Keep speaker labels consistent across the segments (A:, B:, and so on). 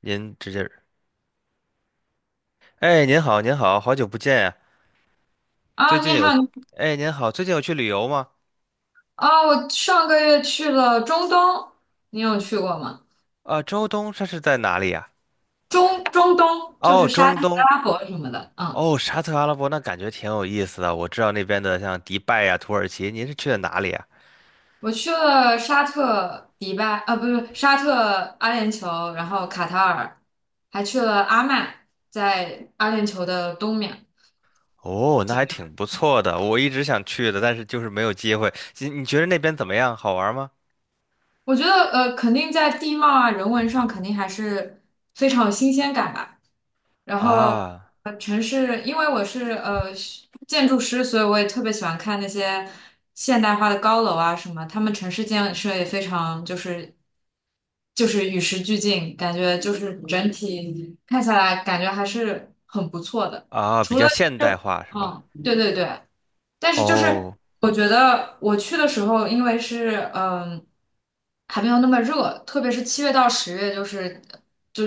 A: 您直接，哎，您好，您好，好久不见呀。最
B: 啊，你
A: 近
B: 好。
A: 有，哎，您好，最近有去旅游吗？
B: 啊，我上个月去了中东，你有去过吗？
A: 啊，中东这是在哪里呀？
B: 中东就是
A: 哦，
B: 沙
A: 中
B: 特、
A: 东，
B: 阿拉伯什么的。嗯，
A: 哦，沙特阿拉伯，那感觉挺有意思的。我知道那边的像迪拜呀、土耳其，您是去的哪里呀？
B: 我去了沙特、迪拜，啊，不是沙特、阿联酋，然后卡塔尔，还去了阿曼，在阿联酋的东面。
A: 哦，那还挺不错的，我一直想去的，但是就是没有机会。你觉得那边怎么样？好玩吗？
B: 我觉得肯定在地貌啊、人文上肯定还是非常有新鲜感吧。然后
A: 啊
B: 城市，因为我是建筑师，所以我也特别喜欢看那些现代化的高楼啊什么，他们城市建设也非常就是与时俱进，感觉就是整体看下来感觉还是很不错的。
A: 啊，比
B: 除了
A: 较现代化是吧？
B: 对对对，但是就是
A: 哦
B: 我觉得我去的时候，因为是还没有那么热，特别是7月到10月，就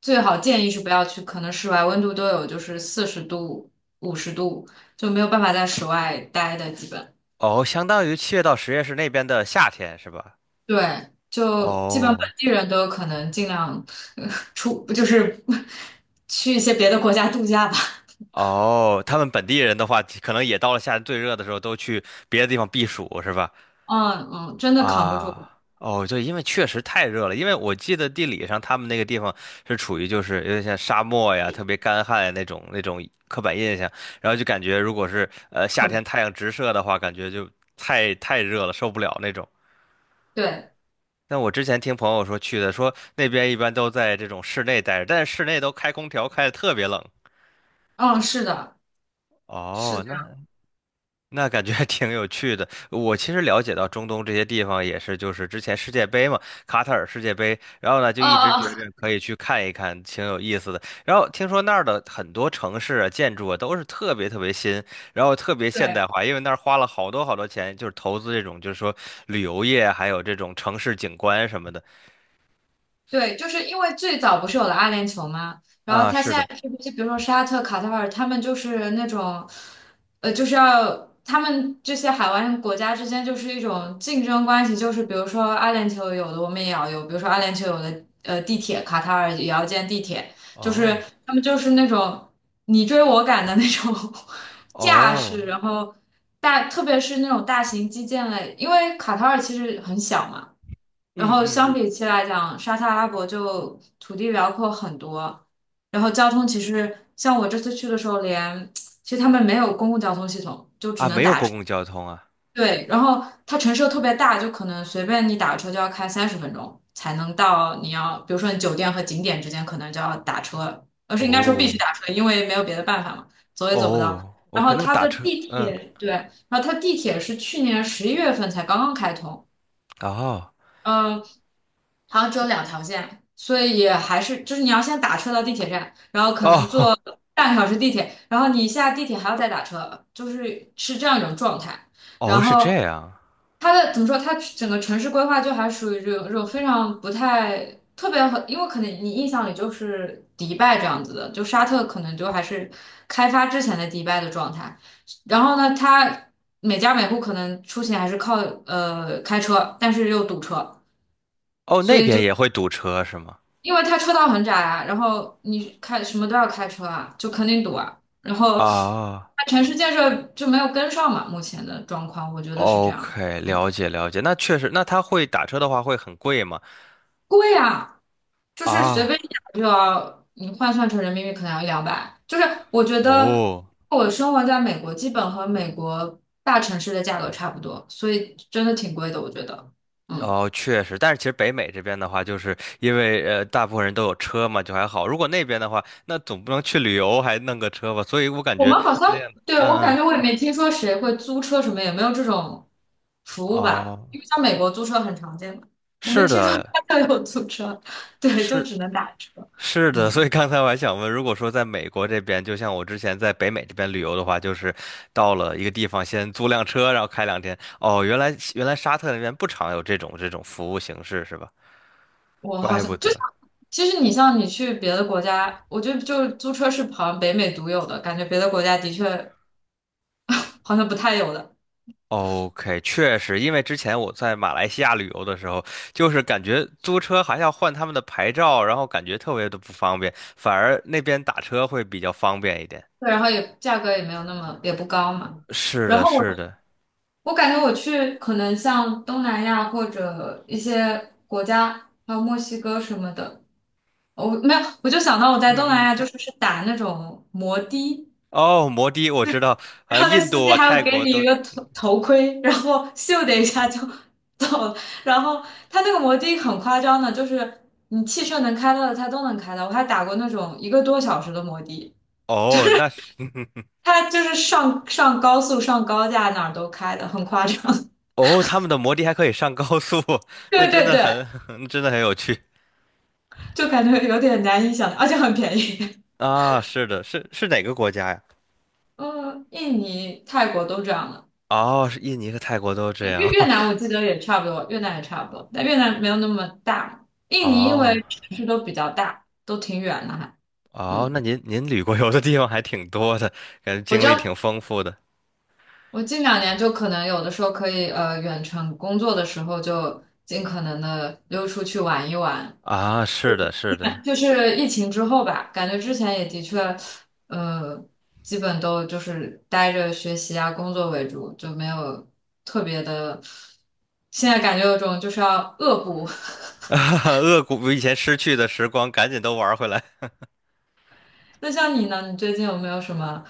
B: 最好建议是不要去，可能室外温度都有就是40度、50度，就没有办法在室外待的，基本
A: 哦，相当于七月到十月是那边的夏天是吧？
B: 对，就基本本
A: 哦。
B: 地人都有可能尽量呃 出，就是 去一些别的国家度假吧。
A: 哦，他们本地人的话，可能也到了夏天最热的时候，都去别的地方避暑，是吧？
B: 嗯嗯，真的扛不住，
A: 啊，哦，对，因为确实太热了。因为我记得地理上他们那个地方是处于就是有点像沙漠呀，特别干旱呀那种那种刻板印象，然后就感觉如果是
B: 特
A: 夏
B: 别
A: 天太阳直射的话，感觉就太热了，受不了那种。
B: 对，
A: 但我之前听朋友说去的，说那边一般都在这种室内待着，但是室内都开空调开的特别冷。
B: 嗯，是的，是
A: 哦，
B: 这样，
A: 那。那感觉还挺有趣的。我其实了解到中东这些地方也是，就是之前世界杯嘛，卡塔尔世界杯，然后呢就
B: 哦
A: 一直
B: 哦，
A: 觉
B: 哦
A: 着可以去看一看，挺有意思的。然后听说那儿的很多城市啊、建筑啊都是特别特别新，然后特别现
B: 对。
A: 代化，因为那儿花了好多好多钱，就是投资这种，就是说旅游业，还有这种城市景观什么的。
B: 对，就是因为最早不是有了阿联酋吗？然后
A: 啊，
B: 他现
A: 是的。
B: 在是不是比如说沙特、卡塔尔，他们就是那种，就是要他们这些海湾国家之间就是一种竞争关系，就是比如说阿联酋有的我们也要有，比如说阿联酋有的地铁，卡塔尔也要建地铁，就是
A: 哦
B: 他们就是那种你追我赶的那种 架势。
A: 哦，
B: 然后大特别是那种大型基建类，因为卡塔尔其实很小嘛。然
A: 嗯嗯
B: 后相
A: 嗯
B: 比起来讲，沙特阿拉伯就土地辽阔很多，然后交通其实像我这次去的时候连，其实他们没有公共交通系统，就
A: 啊，没有公共交通啊。
B: 对，然后它城市又特别大，就可能随便你打个车就要开30分钟才能到你要，比如说你酒店和景点之间可能就要打车，而是应该说必须
A: 哦
B: 打车，因为没有别的办法嘛，走也走不到。
A: 哦，我
B: 然后
A: 可能
B: 它
A: 打
B: 的
A: 车，
B: 地
A: 嗯，
B: 铁，对，然后它地铁是去年11月份才刚刚开通。
A: 哦。
B: 嗯，好像只有两条线，所以也还是就是你要先打车到地铁站，然后可能
A: 哦
B: 坐半个小时地铁，然后你下地铁还要再打车，就是是这样一种状态。然
A: 哦，是这
B: 后
A: 样。
B: 它的怎么说，它整个城市规划就还属于这种非常不太特别和，因为可能你印象里就是迪拜这样子的，就沙特可能就还是开发之前的迪拜的状态。然后呢，它每家每户可能出行还是靠开车，但是又堵车。
A: 哦，
B: 所
A: 那
B: 以就
A: 边也会堵车是吗？
B: 因为它车道很窄啊，然后你开什么都要开车啊，就肯定堵啊。然后
A: 啊
B: 它城市建设就没有跟上嘛，目前的状况我觉得是这样。
A: ，OK，了解了解。那确实，那他会打车的话会很贵吗？
B: 贵啊，就是随
A: 啊，
B: 便一打就要，你换算成人民币可能要一两百。就是我觉得
A: 哦。
B: 我生活在美国，基本和美国大城市的价格差不多，所以真的挺贵的，我觉得。嗯。
A: 哦，确实，但是其实北美这边的话，就是因为大部分人都有车嘛，就还好。如果那边的话，那总不能去旅游还弄个车吧？所以我感
B: 我
A: 觉
B: 们好
A: 那
B: 像，
A: 样的，
B: 对，
A: 嗯
B: 我感
A: 嗯，
B: 觉我也没听说谁会租车什么，也没有这种服务吧？
A: 哦，
B: 因为像美国租车很常见嘛，我没
A: 是
B: 听说
A: 的，
B: 他们有租车，对，就
A: 是
B: 只能打车。
A: 是的，所
B: 嗯，
A: 以刚才我还想问，如果说在美国这边，就像我之前在北美这边旅游的话，就是到了一个地方先租辆车，然后开两天。哦，原来沙特那边不常有这种服务形式是吧？
B: 我好
A: 怪不
B: 像就像，
A: 得。
B: 其实你像你去别的国家，我觉得就租车是好像北美独有的，感觉别的国家的确 好像不太有的。
A: OK，确实，因为之前我在马来西亚旅游的时候，就是感觉租车还要换他们的牌照，然后感觉特别的不方便，反而那边打车会比较方便一点。
B: 对，然后也价格也没有那么也不高嘛。
A: 是
B: 然
A: 的，
B: 后我。
A: 是的，
B: 我感觉我去可能像东南亚或者一些国家，还有墨西哥什么的，我没有，我就想到我在东
A: 嗯
B: 南
A: 嗯，
B: 亚就是打那种摩的，
A: 哦，摩的我知道，
B: 然后那
A: 印
B: 司
A: 度
B: 机
A: 啊、
B: 还
A: 泰
B: 会给
A: 国
B: 你一
A: 都
B: 个头盔，然后咻的一下就走了，然后他那个摩的很夸张的，就是你汽车能开到的他都能开到，我还打过那种一个多小时的摩的，
A: 哦，那是
B: 他就是上高速上高架哪儿都开的，很夸张。
A: 哦，他们的摩的还可以上高速，那
B: 对
A: 真
B: 对
A: 的
B: 对，
A: 很，真的很有趣
B: 就感觉有点难以想象，而且很便宜。
A: 啊！是的，是是哪个国家呀？
B: 嗯，印尼、泰国都这样了。
A: 哦，是印尼和泰国都
B: 呃
A: 这样。
B: 越越南我 记得也差不多，越南也差不多，但越南没有那么大。印尼因
A: 哦
B: 为城市都比较大，都挺远的还。
A: 哦，那
B: 嗯，
A: 您旅过游的地方还挺多的，感觉
B: 我
A: 经
B: 就
A: 历挺丰富的
B: 我近两年就可能有的时候可以远程工作的时候就尽可能的溜出去玩一玩，
A: 啊！是的，是的，
B: 就是疫情之后吧，感觉之前也的确，呃，基本都就是待着学习啊、工作为主，就没有特别的。现在感觉有种就是要恶补。
A: 哈哈，扼骨以前失去的时光，赶紧都玩回来。
B: 那像你呢？你最近有没有什么？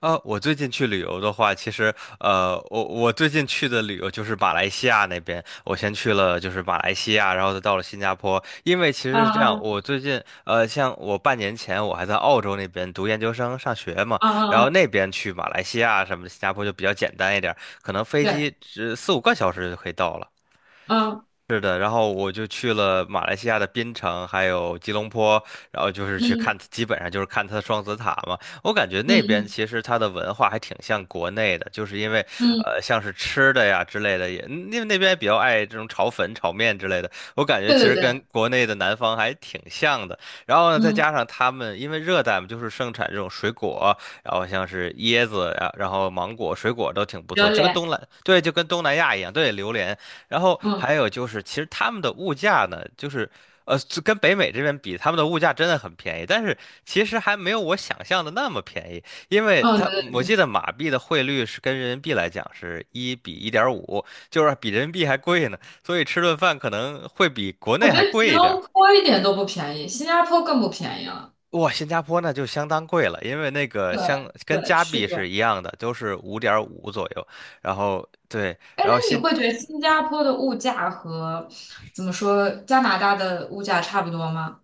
A: 啊，我最近去旅游的话，其实我最近去的旅游就是马来西亚那边。我先去了就是马来西亚，然后再到了新加坡。因为其
B: 啊
A: 实是这样，
B: 啊
A: 我最近像我半年前我还在澳洲那边读研究生上学嘛，
B: 啊
A: 然
B: 啊
A: 后
B: 啊！
A: 那边去马来西亚什么的，新加坡就比较简单一点儿可能飞
B: 对，
A: 机只四五个小时就可以到了。
B: 嗯
A: 是的，然后我就去了马来西亚的槟城，还有吉隆坡，然后就是去
B: 嗯
A: 看，基本上就是看它的双子塔嘛。我感觉那边
B: 嗯
A: 其实它的文化还挺像国内的，就是因为
B: 嗯嗯，
A: 像是吃的呀之类的也，因为那边也比较爱这种炒粉、炒面之类的。我感觉
B: 对
A: 其
B: 对
A: 实跟
B: 对，
A: 国内的南方还挺像的。然后呢，再
B: 嗯，
A: 加上他们因为热带嘛，就是盛产这种水果，然后像是椰子呀，然后芒果、水果都挺不
B: 榴
A: 错，就跟
B: 莲，
A: 东南，对，就跟东南亚一样，对，榴莲。然后
B: 嗯
A: 还有就是，其实他们的物价呢，就是就跟北美这边比，他们的物价真的很便宜，但是其实还没有我想象的那么便宜，因为
B: 嗯，
A: 他
B: 对对
A: 我
B: 对。
A: 记得马币的汇率是跟人民币来讲是一比一点五，就是比人民币还贵呢，所以吃顿饭可能会比国
B: 我
A: 内
B: 觉
A: 还
B: 得吉
A: 贵一点
B: 隆
A: 儿。
B: 坡一点都不便宜，新加坡更不便宜了。
A: 哇，新加坡那就相当贵了，因为那个
B: 对
A: 相跟
B: 对，
A: 加
B: 是
A: 币
B: 这样。
A: 是一样的，都是五点五左右。然后对，
B: 哎，
A: 然
B: 那
A: 后
B: 你
A: 新
B: 会觉得新加坡的物价和怎么说加拿大的物价差不多吗？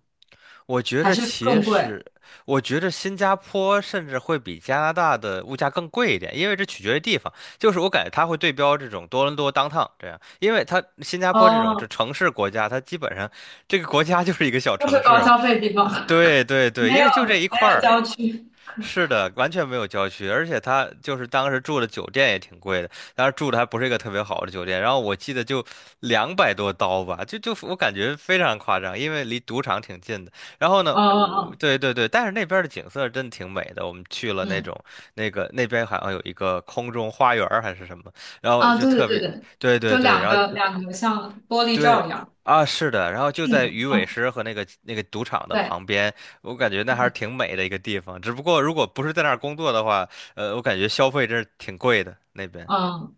A: 我觉
B: 还
A: 着
B: 是
A: 其
B: 更贵？
A: 实，我觉着新加坡甚至会比加拿大的物价更贵一点，因为这取决于地方。就是我感觉它会对标这种多伦多 downtown 这样，因为它新加坡这种这
B: 哦，
A: 城市国家，它基本上这个国家 就是一个小
B: 都
A: 城
B: 是高
A: 市嘛。
B: 消费地方。
A: 对对对，
B: 没
A: 因
B: 有
A: 为就这一
B: 没
A: 块
B: 有
A: 儿，
B: 郊区。
A: 是的，完全没有郊区，而且他就是当时住的酒店也挺贵的，当时住的还不是一个特别好的酒店，然后我记得就两百多刀吧，就我感觉非常夸张，因为离赌场挺近的。然后呢，
B: 哦哦
A: 我
B: 哦，
A: 对对对，但是那边的景色真的挺美的，我们去了那
B: 嗯
A: 种那个那边好像有一个空中花园儿还是什么，然后
B: 啊，
A: 就
B: 对对
A: 特
B: 对
A: 别
B: 对，
A: 对
B: 就
A: 对对，
B: 两
A: 然后
B: 个两个像玻璃罩一
A: 对
B: 样。
A: 啊，是的，然后就在
B: 嗯
A: 鱼尾
B: 啊，
A: 狮和那个那个赌场的
B: 对，
A: 旁边，我感觉那还是挺美的一个地方。只不过如果不是在那儿工作的话，我感觉消费真是挺贵的那边。
B: 嗯，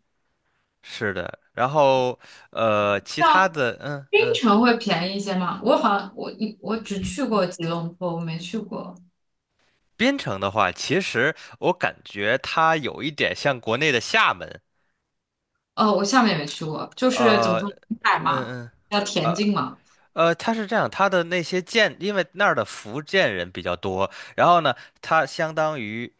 A: 是的，然后其他
B: 像
A: 的，嗯
B: 槟
A: 嗯，
B: 城会便宜一些吗？我好像我只去过吉隆坡，我没去过。
A: 槟城的话，其实我感觉它有一点像国内的厦门，
B: 哦，我厦门也没去过，就是怎么
A: 呃，
B: 说，沿海嘛，
A: 嗯嗯。
B: 要田
A: 呃
B: 径嘛。
A: 它是这样，它的那些建，因为那儿的福建人比较多，然后呢，它相当于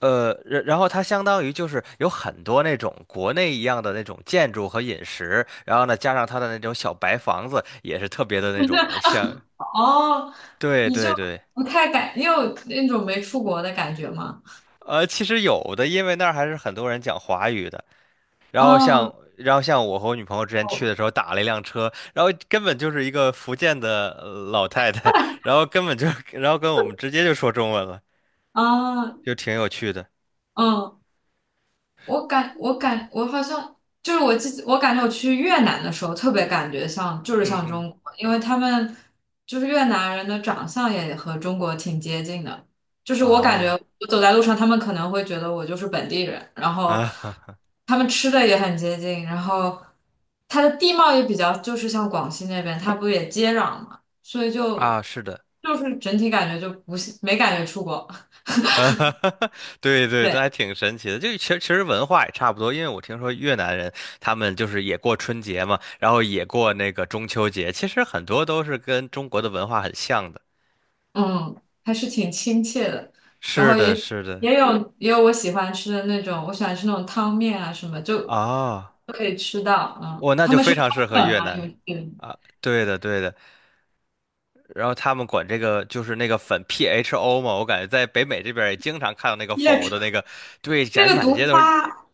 A: 然后它相当于就是有很多那种国内一样的那种建筑和饮食，然后呢，加上它的那种小白房子，也是特别的那种像，
B: 哦，
A: 对
B: 你就
A: 对对，
B: 不太感，你有那种没出国的感觉吗？
A: 其实有的，因为那儿还是很多人讲华语的，然后像。
B: 哦，
A: 然后像我和我女朋友之前去
B: 哦，
A: 的时候打了一辆车，然后根本就是一个福建的老太太，然后根本就，然后跟我们直接就说中文了，
B: 哦，
A: 就挺有趣的。
B: 嗯。我好像就是我记得，我感觉我去越南的时候特别感觉像就是
A: 嗯
B: 像
A: 嗯，
B: 中国，因为他们就是越南人的长相也和中国挺接近的，就是我感觉
A: 啊
B: 我走在路上，他们可能会觉得我就是本地人，然后
A: 啊
B: 他们吃的也很接近，然后它的地貌也比较就是像广西那边，它不也接壤嘛，所以 就
A: 啊，是的。
B: 就是整体感觉就不是没感觉出国。
A: 呃，对 对，这
B: 对。
A: 还挺神奇的。就其实文化也差不多，因为我听说越南人他们就是也过春节嘛，然后也过那个中秋节，其实很多都是跟中国的文化很像的。
B: 嗯，还是挺亲切的。然
A: 是
B: 后也
A: 的，是的，
B: 也有也有我喜欢吃的那种，我喜欢吃那种汤面啊什么，就
A: 啊，
B: 都可以吃到。嗯，
A: 我那就非常适合
B: 本
A: 越
B: 难有
A: 南。
B: 点
A: 对的，对的。然后他们管这个就是那个粉 PHO 嘛，我感觉在北美这边儿也经常看到那个
B: 那
A: 否的
B: 种
A: 那个，对，展
B: 那
A: 觉
B: 个
A: 满
B: 毒
A: 街都是。
B: 发，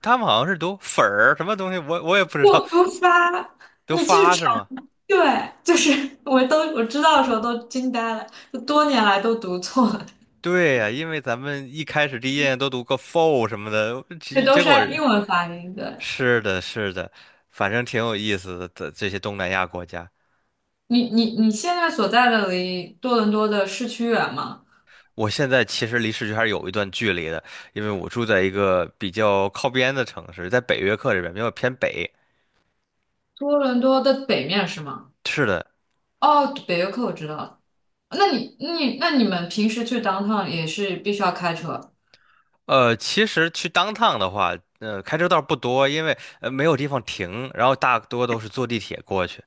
A: 他们好像是读粉儿什么东西，我也不知
B: 不
A: 道，
B: 毒发，
A: 都
B: 你去
A: 发是
B: 尝，
A: 吗？
B: 对，就是 我都我知道的时候都惊呆了，就多年来都读错了，
A: 对呀，因为咱们一开始第一眼都读个 for 什么的，
B: 这
A: 结
B: 都
A: 结
B: 是
A: 果
B: 按英文发音。的。
A: 是的，是的，反正挺有意思的。这这些东南亚国家，
B: 你现在所在的离多伦多的市区远吗？
A: 我现在其实离市区还是有一段距离的，因为我住在一个比较靠边的城市，在北约克这边，比较偏北。
B: 多伦多的北面是吗？
A: 是的，
B: 哦，北约克我知道。了。那你们平时去 downtown 也是必须要开车
A: 其实去当趟的话，开车倒是不多，因为没有地方停，然后大多都是坐地铁过去。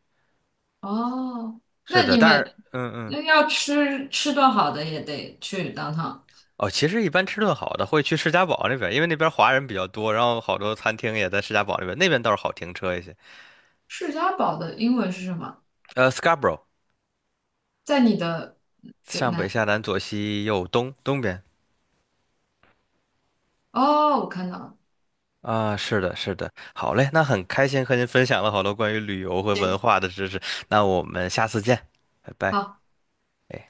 B: 哦？那
A: 是的，
B: 你
A: 但是，
B: 们
A: 嗯嗯。
B: 那要吃顿好的也得去 downtown。
A: 哦，其实一般吃顿好的会去士嘉堡那边，因为那边华人比较多，然后好多餐厅也在士嘉堡那边，那边倒是好停车一些。
B: 世家堡的英文是什么？
A: Scarborough，
B: 在你的对
A: 上北
B: 南
A: 下南左西右东，东边。
B: 哦，我看到了。
A: 啊，是的，是的，好嘞，那很开心和您分享了好多关于旅游和文
B: 对，
A: 化的知识，那我们下次见，拜拜。哎。